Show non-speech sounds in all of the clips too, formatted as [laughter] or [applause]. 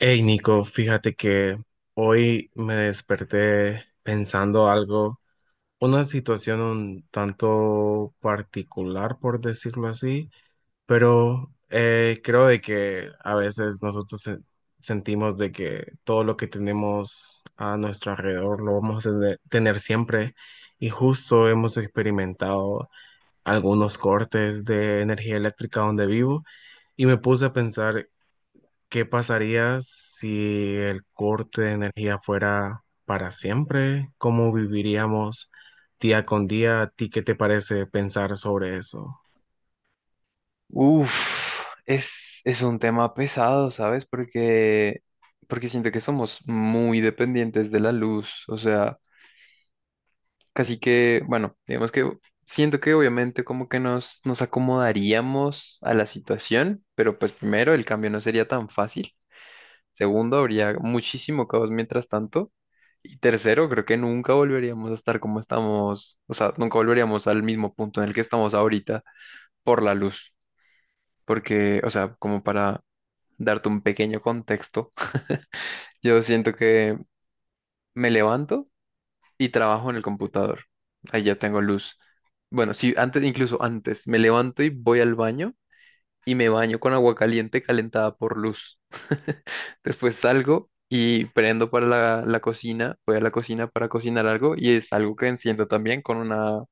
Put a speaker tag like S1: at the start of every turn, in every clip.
S1: Hey Nico, fíjate que hoy me desperté pensando algo, una situación un tanto particular, por decirlo así, pero creo de que a veces nosotros sentimos de que todo lo que tenemos a nuestro alrededor lo vamos a tener, tener siempre y justo hemos experimentado algunos cortes de energía eléctrica donde vivo y me puse a pensar. ¿Qué pasaría si el corte de energía fuera para siempre? ¿Cómo viviríamos día con día? ¿A ti qué te parece pensar sobre eso?
S2: Uf, es un tema pesado, ¿sabes? Porque siento que somos muy dependientes de la luz, o sea, casi que, bueno, digamos que siento que obviamente como que nos acomodaríamos a la situación, pero pues primero el cambio no sería tan fácil, segundo, habría muchísimo caos mientras tanto, y tercero, creo que nunca volveríamos a estar como estamos, o sea, nunca volveríamos al mismo punto en el que estamos ahorita por la luz, porque, o sea, como para darte un pequeño contexto, yo siento que me levanto y trabajo en el computador. Ahí ya tengo luz. Bueno, sí, antes, incluso antes, me levanto y voy al baño y me baño con agua caliente calentada por luz. [laughs] Después salgo y prendo para la cocina, voy a la cocina para cocinar algo y es algo que enciendo también con una,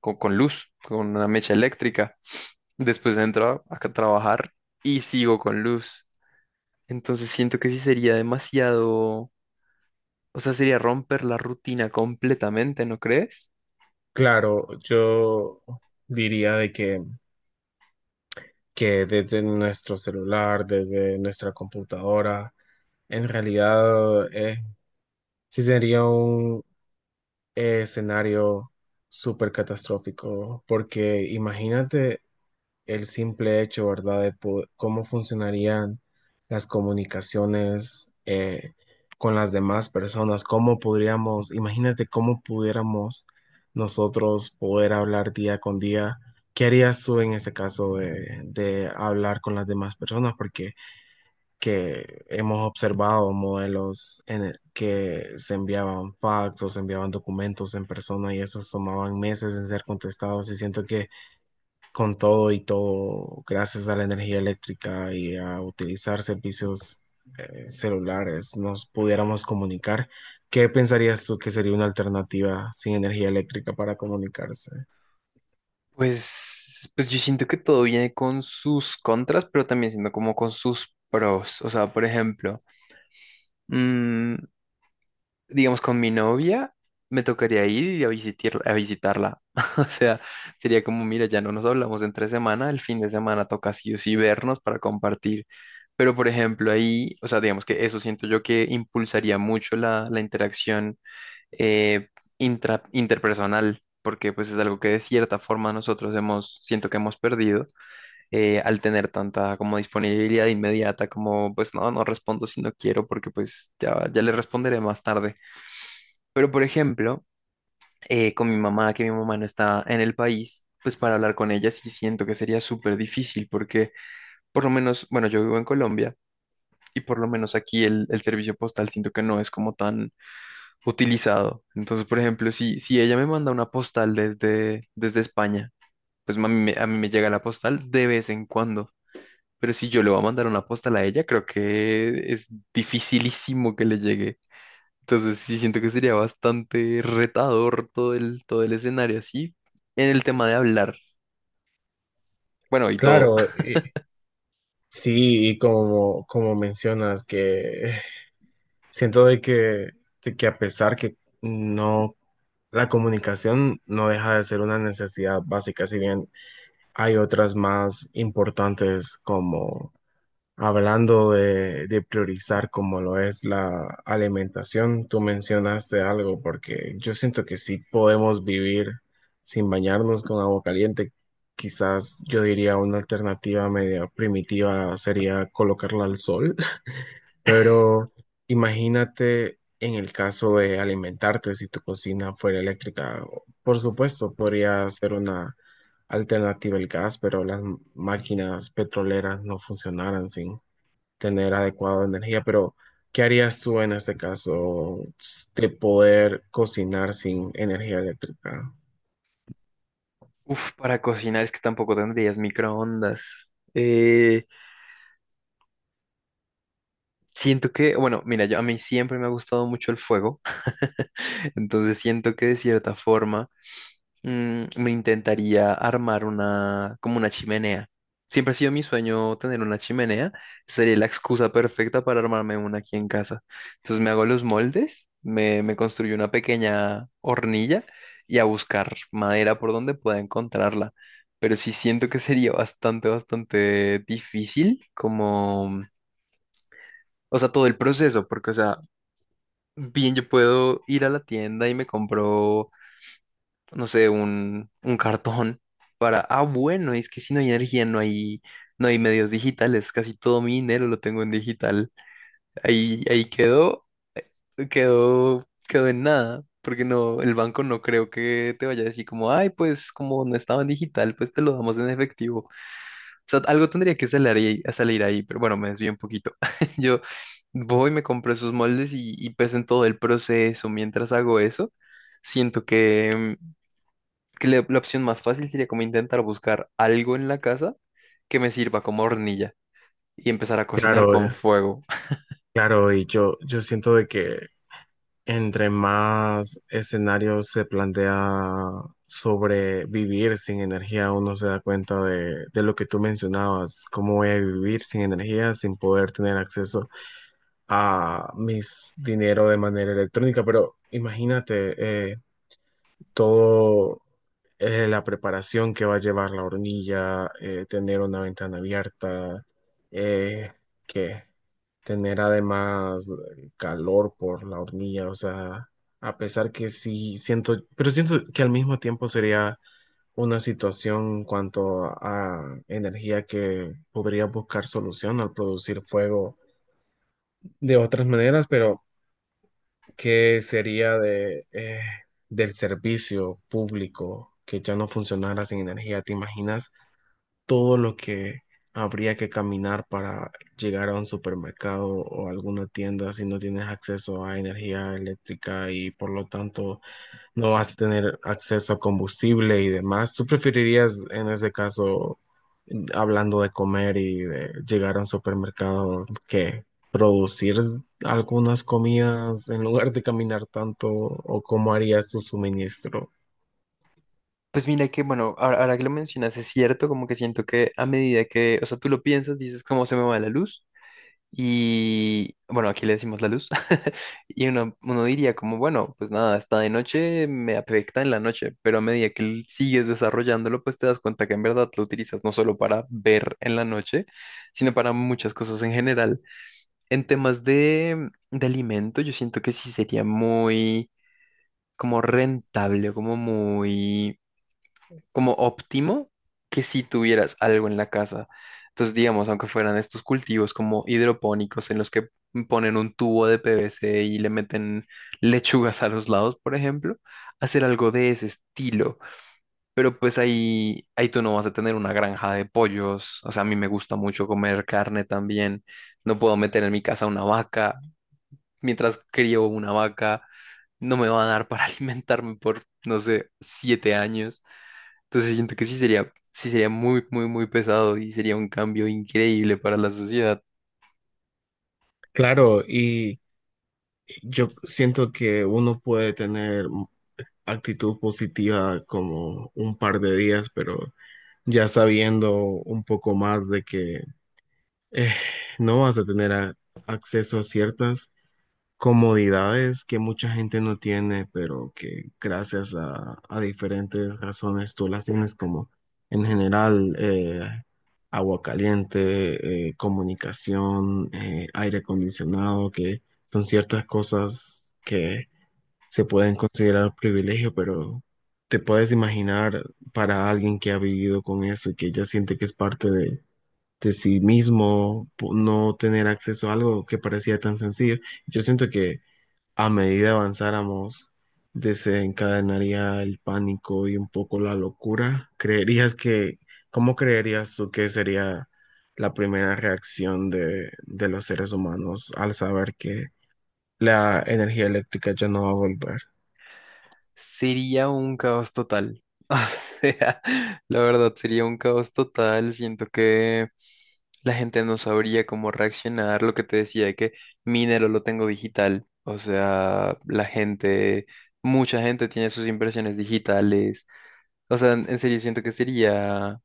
S2: con luz, con una mecha eléctrica. Después entro a trabajar y sigo con luz. Entonces siento que sí sería demasiado. O sea, sería romper la rutina completamente, ¿no crees?
S1: Claro, yo diría que desde nuestro celular, desde nuestra computadora, en realidad sí sería un escenario súper catastrófico, porque imagínate el simple hecho, ¿verdad?, de cómo funcionarían las comunicaciones con las demás personas, cómo podríamos, imagínate cómo pudiéramos nosotros poder hablar día con día. ¿Qué harías tú en ese caso de hablar con las demás personas? Porque que hemos observado modelos en el que se enviaban pactos, se enviaban documentos en persona y esos tomaban meses en ser contestados y siento que con todo y todo, gracias a la energía eléctrica y a utilizar servicios celulares, nos pudiéramos comunicar. ¿Qué pensarías tú que sería una alternativa sin energía eléctrica para comunicarse?
S2: Pues yo siento que todo viene con sus contras, pero también siendo como con sus pros. O sea, por ejemplo, mm, digamos con mi novia, me tocaría ir a a visitarla. [laughs] O sea, sería como, mira, ya no nos hablamos entre semana, el fin de semana toca sí o sí vernos para compartir. Pero, por ejemplo, ahí, o sea, digamos que eso siento yo que impulsaría mucho la interacción eh, interpersonal, porque pues es algo que de cierta forma nosotros hemos, siento que hemos perdido al tener tanta como disponibilidad inmediata, como pues no, no respondo si no quiero, porque pues ya, ya le responderé más tarde. Pero por ejemplo, con mi mamá, que mi mamá no está en el país. Pues para hablar con ella sí siento que sería súper difícil porque por lo menos, bueno, yo vivo en Colombia y por lo menos aquí el servicio postal siento que no es como tan utilizado. Entonces, por ejemplo, si ella me manda una postal desde España, pues a mí, a mí me llega la postal de vez en cuando. Pero si yo le voy a mandar una postal a ella, creo que es dificilísimo que le llegue. Entonces, sí siento que sería bastante retador todo el escenario así. En el tema de hablar, bueno, y todo.
S1: Claro,
S2: [laughs]
S1: sí, y como, como mencionas, que siento de que a pesar que no, la comunicación no deja de ser una necesidad básica, si bien hay otras más importantes como. Hablando de priorizar como lo es la alimentación, tú mencionaste algo porque yo siento que sí podemos vivir sin bañarnos con agua caliente. Quizás yo diría una alternativa media primitiva sería colocarla al sol, [laughs] pero imagínate en el caso de alimentarte si tu cocina fuera eléctrica. Por supuesto, podría ser una alternativa el gas, pero las máquinas petroleras no funcionaran sin tener adecuada energía, pero ¿qué harías tú en este caso de poder cocinar sin energía eléctrica?
S2: Uf, para cocinar es que tampoco tendrías microondas. Siento que, bueno, mira, yo, a mí siempre me ha gustado mucho el fuego. [laughs] Entonces siento que de cierta forma. Me intentaría armar una, como una chimenea. Siempre ha sido mi sueño tener una chimenea. Sería la excusa perfecta para armarme una aquí en casa. Entonces me hago los moldes, me construyo una pequeña hornilla y a buscar madera por donde pueda encontrarla. Pero sí siento que sería bastante, bastante difícil, como, o sea, todo el proceso, porque, o sea, bien, yo puedo ir a la tienda y me compro no sé, un cartón para, ah, bueno, es que si no hay energía, no hay, no hay medios digitales, casi todo mi dinero lo tengo en digital. Ahí quedó, quedó, quedó en nada, porque no, el banco no creo que te vaya a decir como, ay, pues como no estaba en digital, pues te lo damos en efectivo. O sea, algo tendría que salir ahí, a salir ahí, pero bueno, me desvío un poquito. [laughs] Yo voy, me compro esos moldes y pues en todo el proceso, mientras hago eso, siento que la opción más fácil sería como intentar buscar algo en la casa que me sirva como hornilla y empezar a cocinar
S1: Claro,
S2: con
S1: eh,
S2: fuego. [laughs]
S1: claro, y yo siento de que entre más escenarios se plantea sobre vivir sin energía, uno se da cuenta de lo que tú mencionabas, cómo voy a vivir sin energía, sin poder tener acceso a mis dinero de manera electrónica, pero imagínate todo la preparación que va a llevar la hornilla, tener una ventana abierta, eh, que tener además calor por la hornilla, o sea, a pesar que sí siento, pero siento que al mismo tiempo sería una situación en cuanto a energía que podría buscar solución al producir fuego de otras maneras, pero ¿qué sería de del servicio público que ya no funcionara sin energía? ¿Te imaginas todo lo que habría que caminar para llegar a un supermercado o alguna tienda si no tienes acceso a energía eléctrica y por lo tanto no vas a tener acceso a combustible y demás? ¿Tú preferirías, en ese caso, hablando de comer y de llegar a un supermercado, que producir algunas comidas en lugar de caminar tanto o cómo harías tu suministro?
S2: Pues mira que, bueno, ahora que lo mencionas, es cierto, como que siento que a medida que, o sea, tú lo piensas, dices cómo se me va la luz y, bueno, aquí le decimos la luz [laughs] y uno diría como, bueno, pues nada, está de noche, me afecta en la noche, pero a medida que sigues desarrollándolo, pues te das cuenta que en verdad lo utilizas no solo para ver en la noche, sino para muchas cosas en general. En temas de alimento, yo siento que sí sería muy como rentable, como muy, como óptimo que si tuvieras algo en la casa. Entonces, digamos, aunque fueran estos cultivos como hidropónicos en los que ponen un tubo de PVC y le meten lechugas a los lados, por ejemplo, hacer algo de ese estilo. Pero pues ahí, ahí tú no vas a tener una granja de pollos. O sea, a mí me gusta mucho comer carne también. No puedo meter en mi casa una vaca mientras crío una vaca, no me van a dar para [laughs] alimentarme por, no sé, 7 años. Entonces siento que sí sería muy, muy, muy pesado y sería un cambio increíble para la sociedad.
S1: Claro, y yo siento que uno puede tener actitud positiva como un par de días, pero ya sabiendo un poco más de que eh, no vas a tener acceso a ciertas comodidades que mucha gente no tiene, pero que gracias a diferentes razones tú las tienes, como en general agua caliente, comunicación, aire acondicionado, que son ciertas cosas que se pueden considerar privilegio, pero te puedes imaginar para alguien que ha vivido con eso y que ya siente que es parte de sí mismo, no tener acceso a algo que parecía tan sencillo. Yo siento que a medida avanzáramos, desencadenaría el pánico y un poco la locura. ¿Creerías que, cómo creerías tú que sería la primera reacción de los seres humanos al saber que la energía eléctrica ya no va a volver?
S2: Sería un caos total. [laughs] O sea, la verdad, sería un caos total. Siento que la gente no sabría cómo reaccionar. Lo que te decía de que mi dinero lo tengo digital. O sea, la gente, mucha gente tiene sus impresiones digitales. O sea, en serio siento que sería,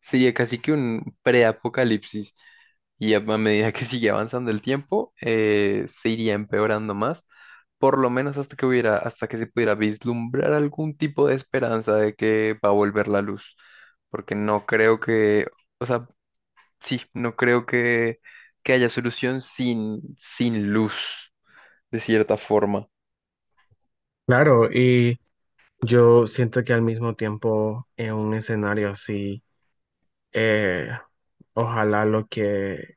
S2: sería casi que un preapocalipsis. Y a medida que [laughs] sigue avanzando el tiempo, se iría empeorando más, por lo menos hasta que hubiera, hasta que se pudiera vislumbrar algún tipo de esperanza de que va a volver la luz. Porque no creo que, o sea, sí, no creo que haya solución sin, sin luz, de cierta forma.
S1: Claro, y yo siento que al mismo tiempo en un escenario así, eh, ojalá lo que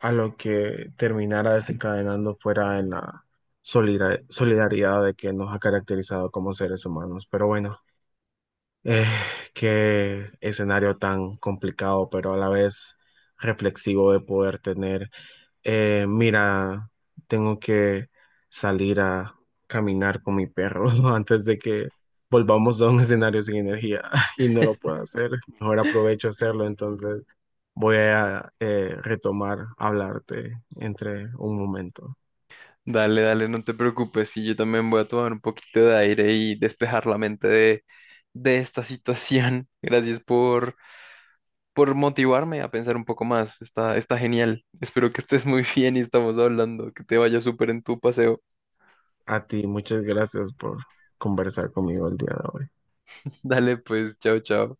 S1: a lo que terminara desencadenando fuera en la solidaridad de que nos ha caracterizado como seres humanos. Pero bueno, eh, qué escenario tan complicado, pero a la vez reflexivo de poder tener. Mira, tengo que salir a caminar con mi perro [laughs] antes de que volvamos a un escenario sin energía [laughs] y no lo puedo hacer. Mejor aprovecho a hacerlo, entonces voy a retomar hablarte entre un momento.
S2: Dale, dale, no te preocupes, y yo también voy a tomar un poquito de aire y despejar la mente de esta situación. [laughs] Gracias por motivarme a pensar un poco más. Está, está genial. Espero que estés muy [laughs] bien y estamos hablando, que te vaya súper en tu paseo.
S1: A ti, muchas gracias por conversar conmigo el día de hoy.
S2: [laughs] Dale, pues, chao, chao.